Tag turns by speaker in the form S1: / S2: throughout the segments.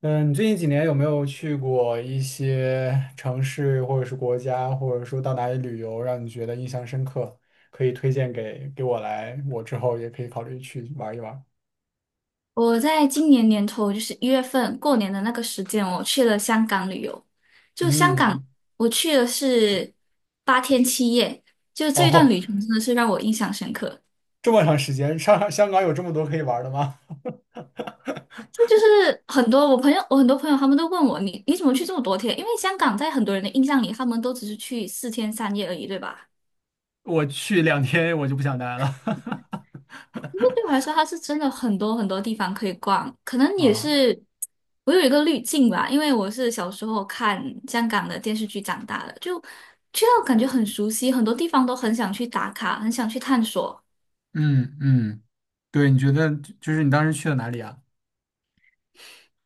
S1: 嗯，你最近几年有没有去过一些城市，或者是国家，或者说到哪里旅游，让你觉得印象深刻？可以推荐给我来，我之后也可以考虑去玩一玩。
S2: 我在今年年头，就是一月份过年的那个时间，我去了香港旅游。就香港，
S1: 嗯，
S2: 我去的是8天7夜，就这一段
S1: 哦，
S2: 旅程真的是让我印象深刻。
S1: 这么长时间，上香港有这么多可以玩的吗？
S2: 这就是很多我朋友，我很多朋友他们都问我，你怎么去这么多天？因为香港在很多人的印象里，他们都只是去4天3夜而已，对吧？
S1: 我去2天我就不想待了。
S2: 那对我来说，它是真的很多很多地方可以逛，可能 也
S1: 啊，
S2: 是我有一个滤镜吧，因为我是小时候看香港的电视剧长大的，就去到感觉很熟悉，很多地方都很想去打卡，很想去探索。
S1: 嗯嗯，对，你觉得就是你当时去了哪里啊？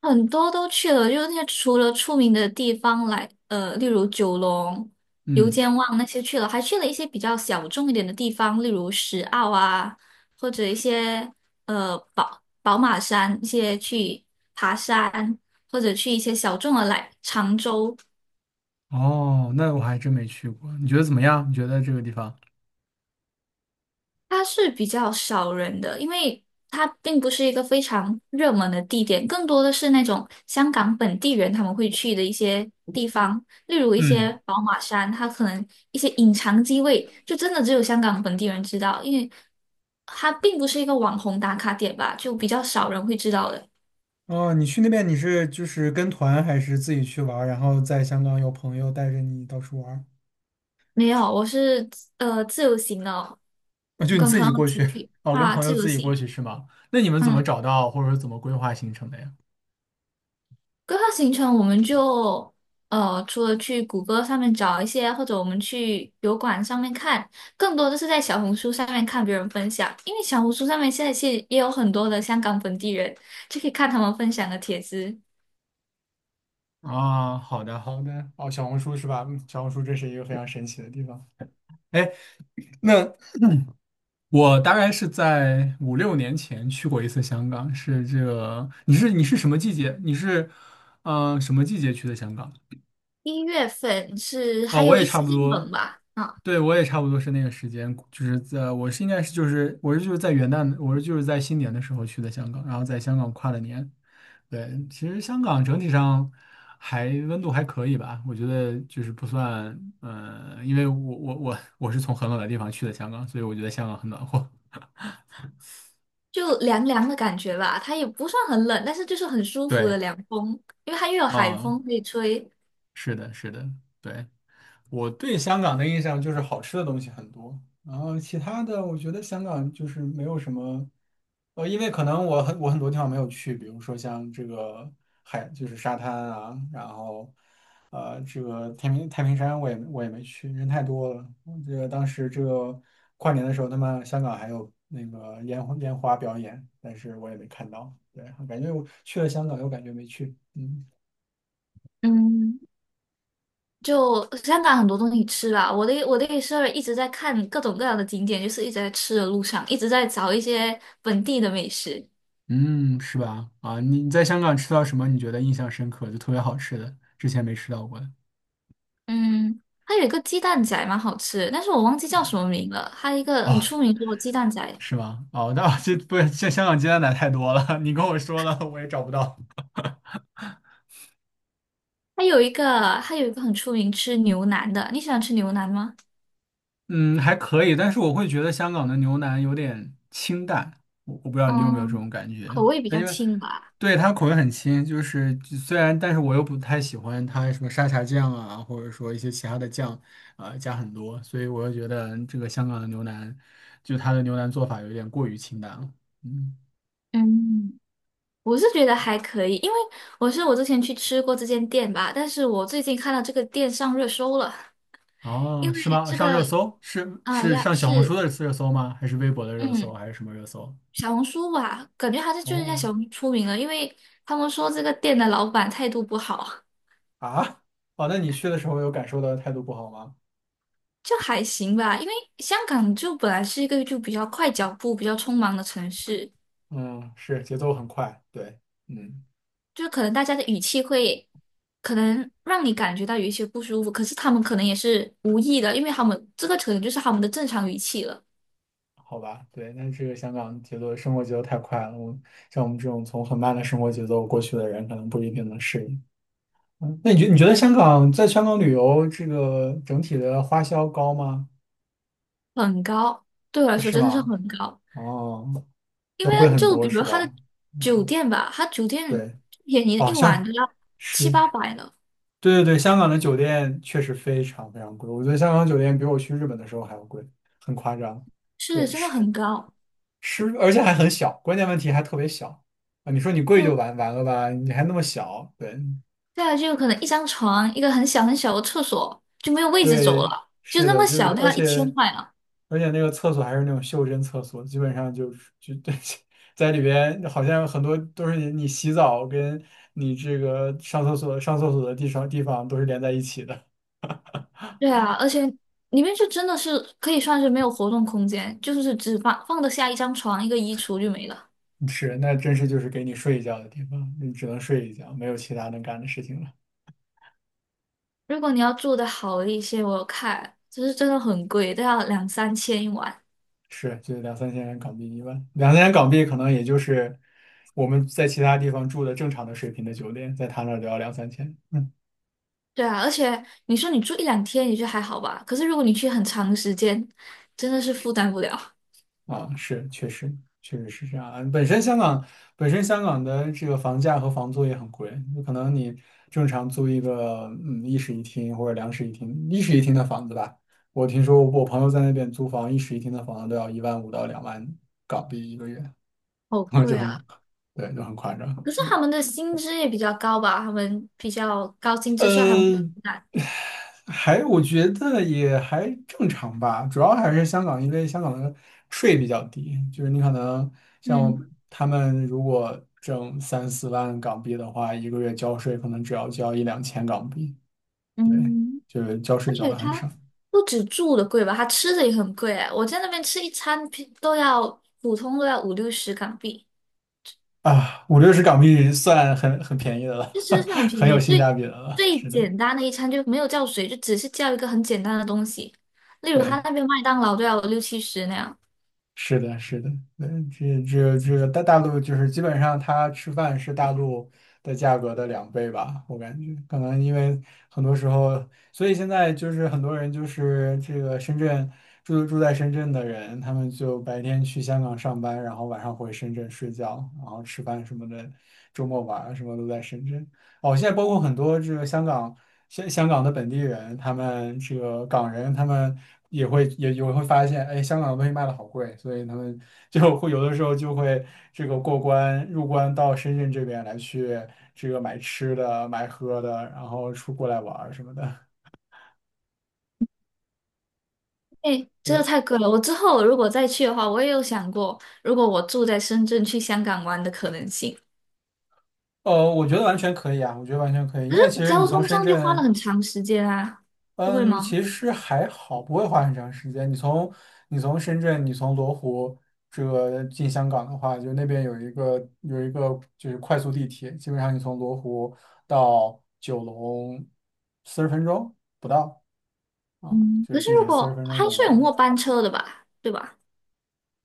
S2: 很多都去了，就是那些除了出名的地方来，例如九龙、油
S1: 嗯，
S2: 尖旺那些去了，还去了一些比较小众一点的地方，例如石澳啊，或者一些宝马山一些去爬山，或者去一些小众的来常州，
S1: 哦，那我还真没去过，你觉得怎么样？你觉得这个地方？
S2: 它是比较少人的，因为它并不是一个非常热门的地点，更多的是那种香港本地人他们会去的一些地方，例如一些
S1: 嗯。
S2: 宝马山，它可能一些隐藏机位，就真的只有香港本地人知道，因为它并不是一个网红打卡点吧，就比较少人会知道的。
S1: 哦，你去那边，你是就是跟团还是自己去玩儿，然后在香港有朋友带着你到处玩儿？
S2: 没有，我是自由行的哦
S1: 啊，就你
S2: 跟
S1: 自
S2: 朋
S1: 己
S2: 友一
S1: 过
S2: 起
S1: 去，
S2: 去
S1: 哦，跟
S2: 啊，
S1: 朋
S2: 自
S1: 友
S2: 由
S1: 自己过
S2: 行。
S1: 去是吗？那你们怎
S2: 嗯。
S1: 么找到或者说怎么规划行程的呀？
S2: 规划行程，我们就除了去谷歌上面找一些，或者我们去油管上面看，更多的是在小红书上面看别人分享，因为小红书上面现在其实也有很多的香港本地人，就可以看他们分享的帖子。
S1: 啊，好的好的，哦，小红书是吧？嗯，小红书这是一个非常神奇的地方。哎，那我大概是在五六年前去过一次香港，是这个，你是什么季节？你是，嗯、什么季节去的香港？
S2: 一月份是
S1: 哦，
S2: 还
S1: 我
S2: 有
S1: 也
S2: 一
S1: 差
S2: 些
S1: 不
S2: 些
S1: 多，
S2: 冷吧，啊，
S1: 对，我也差不多是那个时间，就是在我是应该是就是我是就是在元旦，我是就是在新年的时候去的香港，然后在香港跨了年。对，其实香港整体上还温度还可以吧，我觉得就是不算。因为我是从很冷的地方去的香港，所以我觉得香港很暖和。
S2: 就凉凉的感觉吧，它也不算很冷，但是就是很舒服的
S1: 对，
S2: 凉风，因为它又有海
S1: 嗯，
S2: 风可以吹。
S1: 是的，是的，对，我对香港的印象就是好吃的东西很多，然后其他的我觉得香港就是没有什么。因为可能我很多地方没有去，比如说像这个海就是沙滩啊，然后这个太平山我也没去，人太多了。我这个当时这个跨年的时候，他们香港还有那个烟花表演，但是我也没看到。对，感觉我去了香港又感觉没去。嗯。
S2: 嗯，就香港很多东西吃啦，我的也是一直在看各种各样的景点，就是一直在吃的路上，一直在找一些本地的美食。
S1: 嗯，是吧？啊，你在香港吃到什么？你觉得印象深刻，就特别好吃的，之前没吃到过的。
S2: 嗯，它有一个鸡蛋仔蛮好吃的但是我忘记叫
S1: 啊，
S2: 什么名了。它一个
S1: 哦，
S2: 很出名的鸡蛋仔，
S1: 是吗？哦，那 这不，这香港鸡蛋奶太多了，你跟我说了，我也找不到。
S2: 它有一个很出名吃牛腩的，你喜欢吃牛腩吗？
S1: 嗯，还可以，但是我会觉得香港的牛腩有点清淡，我不知道你有没有这
S2: 嗯，
S1: 种感觉。
S2: 口味比较
S1: 因为
S2: 轻吧。
S1: 对它口味很轻，就是就虽然，但是我又不太喜欢它什么沙茶酱啊，或者说一些其他的酱，加很多，所以我又觉得这个香港的牛腩，就它的牛腩做法有点过于清淡了。嗯，
S2: 嗯，我是觉得还可以，因为我是我之前去吃过这间店吧，但是我最近看到这个店上热搜了。
S1: 哦，
S2: 因
S1: 是
S2: 为
S1: 吗？
S2: 这
S1: 上热
S2: 个
S1: 搜是是上小红书
S2: 是，
S1: 的热搜吗？还是微博的热搜？
S2: 嗯，
S1: 还是什么热搜？
S2: 小红书吧，感觉还是就是在
S1: 哦，
S2: 小红书出名了，因为他们说这个店的老板态度不好，
S1: 啊，哦，那你去的时候有感受到态度不好吗？
S2: 就还行吧。因为香港就本来是一个就比较快脚步、比较匆忙的城市，
S1: 嗯，是节奏很快，对，嗯，
S2: 就可能大家的语气会可能让你感觉到有一些不舒服，可是他们可能也是无意的，因为他们这个可能就是他们的正常语气了，
S1: 好吧，对，但这个香港节奏生活节奏太快了，我像我们这种从很慢的生活节奏过去的人，可能不一定能适应。嗯，那你觉得香港在香港旅游这个整体的花销高吗？
S2: 很高，对我来说
S1: 是
S2: 真的是
S1: 吗？
S2: 很高。
S1: 哦，
S2: 因
S1: 要
S2: 为
S1: 贵很
S2: 就比
S1: 多
S2: 如
S1: 是
S2: 他的
S1: 吧？
S2: 酒
S1: 嗯，
S2: 店吧，他酒店
S1: 对，
S2: 便宜
S1: 哦，
S2: 一晚都要七
S1: 是，
S2: 八百呢，
S1: 对对对，香港的酒店确实非常非常贵，我觉得香港酒店比我去日本的时候还要贵，很夸张。
S2: 是
S1: 对，
S2: 真的很高。
S1: 是，而且还很小，关键问题还特别小。啊！你说你贵就
S2: 就
S1: 完了吧？你还那么小，对
S2: 再来就可能一张床，一个很小很小的厕所就没有位置走
S1: 对，
S2: 了，就
S1: 是
S2: 那
S1: 的，
S2: 么
S1: 就
S2: 小
S1: 是
S2: 都
S1: 而
S2: 要一千
S1: 且
S2: 块呢。
S1: 而且那个厕所还是那种袖珍厕所，基本上就是就 对在里边，好像很多都是你洗澡跟你这个上厕所的地方都是连在一起的。
S2: 对啊，而且里面就真的是可以算是没有活动空间，就是只放放得下一张床、一个衣橱就没了。
S1: 是，那真是就是给你睡一觉的地方，你只能睡一觉，没有其他能干的事情了。
S2: 如果你要住的好一些，我有看就是真的很贵，都要两三千一晚。
S1: 是，就两三千元港币一万，两三千港币可能也就是我们在其他地方住的正常的水平的酒店，在他那儿都要两三千。嗯，
S2: 对啊，而且你说你住一两天也就还好吧，可是如果你去很长的时间，真的是负担不了，
S1: 啊，是，确实，确实是这样啊。本身香港的这个房价和房租也很贵，就可能你正常租一个一室一厅或者两室一厅，一室一厅的房子吧，我听说我朋友在那边租房，一室一厅的房子都要一万五到2万港币一个月。
S2: 好
S1: 就
S2: 贵
S1: 很，
S2: 啊！
S1: 对，就很夸张。
S2: 可是他们的薪资也比较高吧，他们比较高薪资，所以他们会很
S1: 呃，
S2: 难。
S1: 还我觉得也还正常吧，主要还是香港，因为香港的税比较低，就是你可能像
S2: 嗯
S1: 他们如果挣三四万港币的话，一个月交税可能只要交一两千港币。对，
S2: 嗯，
S1: 就是交
S2: 而
S1: 税交
S2: 且
S1: 的很
S2: 他
S1: 少
S2: 不止住的贵吧，他吃的也很贵哎，我在那边吃一餐平都要普通都要五六十港币，
S1: 啊，五六十港币算很便宜的了，
S2: 就真的是很 便
S1: 很有
S2: 宜，
S1: 性
S2: 最
S1: 价比的了，
S2: 最
S1: 是的，
S2: 简单的一餐就没有叫水，就只是叫一个很简单的东西，例如他
S1: 对。
S2: 那边麦当劳都要六七十那样。
S1: 是的，是的，嗯，这个大陆就是基本上它吃饭是大陆的价格的2倍吧，我感觉可能因为很多时候，所以现在就是很多人就是这个深圳住在深圳的人，他们就白天去香港上班，然后晚上回深圳睡觉，然后吃饭什么的，周末玩儿什么都在深圳。哦，现在包括很多这个香港的本地人，他们这个港人，他们也会发现，哎，香港的东西卖的好贵，所以他们 有的时候就会这个过关入关到深圳这边来去这个买吃的、买喝的，然后出过来玩儿什么的。
S2: 哎，这个
S1: 对，
S2: 太贵了。我之后如果再去的话，我也有想过，如果我住在深圳去香港玩的可能性。
S1: 我觉得完全可以啊，我觉得完全可以，因为其实你
S2: 交
S1: 从
S2: 通
S1: 深
S2: 上就花了
S1: 圳
S2: 很长时间啊，不会
S1: 嗯，
S2: 吗？
S1: 其实还好，不会花很长时间。你从深圳，你从罗湖这个进香港的话，就那边有一个就是快速地铁，基本上你从罗湖到九龙四十分钟不到啊，
S2: 嗯，
S1: 就
S2: 可
S1: 是
S2: 是
S1: 地
S2: 如
S1: 铁四十
S2: 果
S1: 分钟
S2: 还
S1: 就
S2: 是
S1: 能
S2: 有
S1: 到。
S2: 末班车的吧，对吧？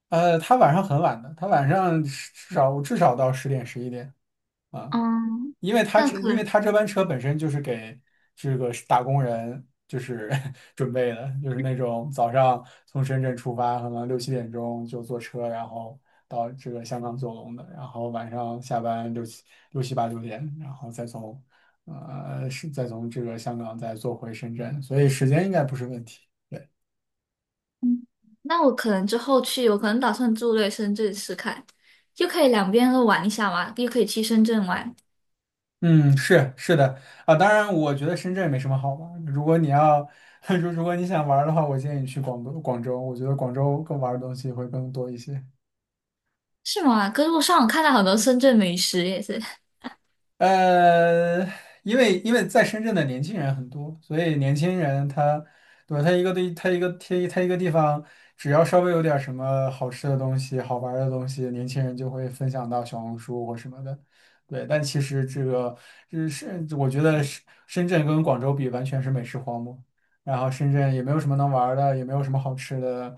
S1: 它晚上很晚的，它晚上至少至少到10点11点啊。
S2: 嗯，那可
S1: 因为
S2: 能，
S1: 他这班车本身就是给这个打工人就是 准备的，就是那种早上从深圳出发，可能六七点钟就坐车，然后到这个香港九龙的，然后晚上下班六七八九点，然后再从这个香港再坐回深圳，所以时间应该不是问题。
S2: 嗯那我可能之后去，我可能打算住在深圳试看，就可以两边都玩一下嘛，又可以去深圳玩，
S1: 嗯，是的啊，当然，我觉得深圳没什么好玩儿如果你要，如果你想玩儿的话，我建议你去广东、广州。我觉得广州更玩儿的东西会更多一些。
S2: 是吗？可是我上网看到很多深圳美食也是，
S1: 呃，因为在深圳的年轻人很多，所以年轻人他，对吧？他一个地，他一个他一他一个地方，只要稍微有点什么好吃的东西、好玩儿的东西，年轻人就会分享到小红书或什么的。对，但其实这个，这是我觉得深圳跟广州比，完全是美食荒漠。然后深圳也没有什么能玩儿的，也没有什么好吃的，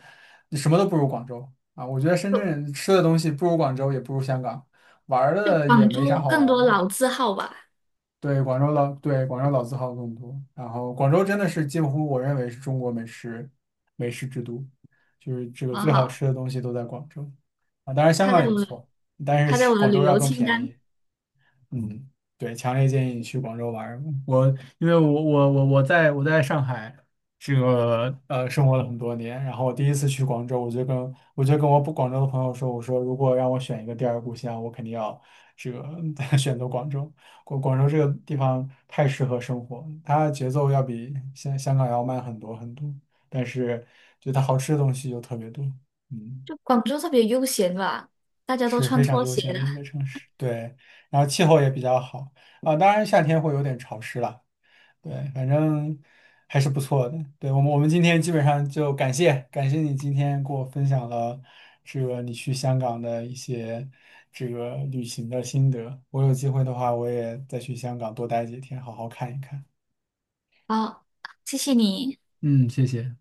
S1: 什么都不如广州啊。我觉得深
S2: 就
S1: 圳吃的东西不如广州，也不如香港，玩儿
S2: 就
S1: 的也
S2: 广
S1: 没
S2: 州
S1: 啥好
S2: 更
S1: 玩儿
S2: 多
S1: 的。
S2: 老字号吧，
S1: 对，广州老，对，广州老字号更多。然后广州真的是近乎我认为是中国美食之都，就是这个
S2: 好
S1: 最好
S2: 好。
S1: 吃的东西都在广州啊。当然香
S2: 他
S1: 港
S2: 在
S1: 也不
S2: 我
S1: 错，但
S2: 它在
S1: 是
S2: 我的
S1: 广
S2: 旅
S1: 州要
S2: 游
S1: 更
S2: 清
S1: 便
S2: 单。
S1: 宜。嗯，对，强烈建议你去广州玩儿，我因为我在我在上海，这个生活了很多年，然后我第一次去广州，我就跟我不广州的朋友说，我说如果让我选一个第二故乡，我肯定要这个 选择广州。广州这个地方太适合生活，它节奏要比香港要慢很多很多，但是就它好吃的东西又特别多。嗯。
S2: 就广州特别悠闲吧，大家都
S1: 是
S2: 穿
S1: 非常
S2: 拖
S1: 悠
S2: 鞋
S1: 闲
S2: 的。
S1: 的一个城市，对，然后气候也比较好啊，当然夏天会有点潮湿了，对，反正还是不错的。对，我们今天基本上就感谢感谢你今天给我分享了这个你去香港的一些这个旅行的心得，我有机会的话我也再去香港多待几天，好好看一看。
S2: 好，谢谢你。
S1: 嗯，谢谢。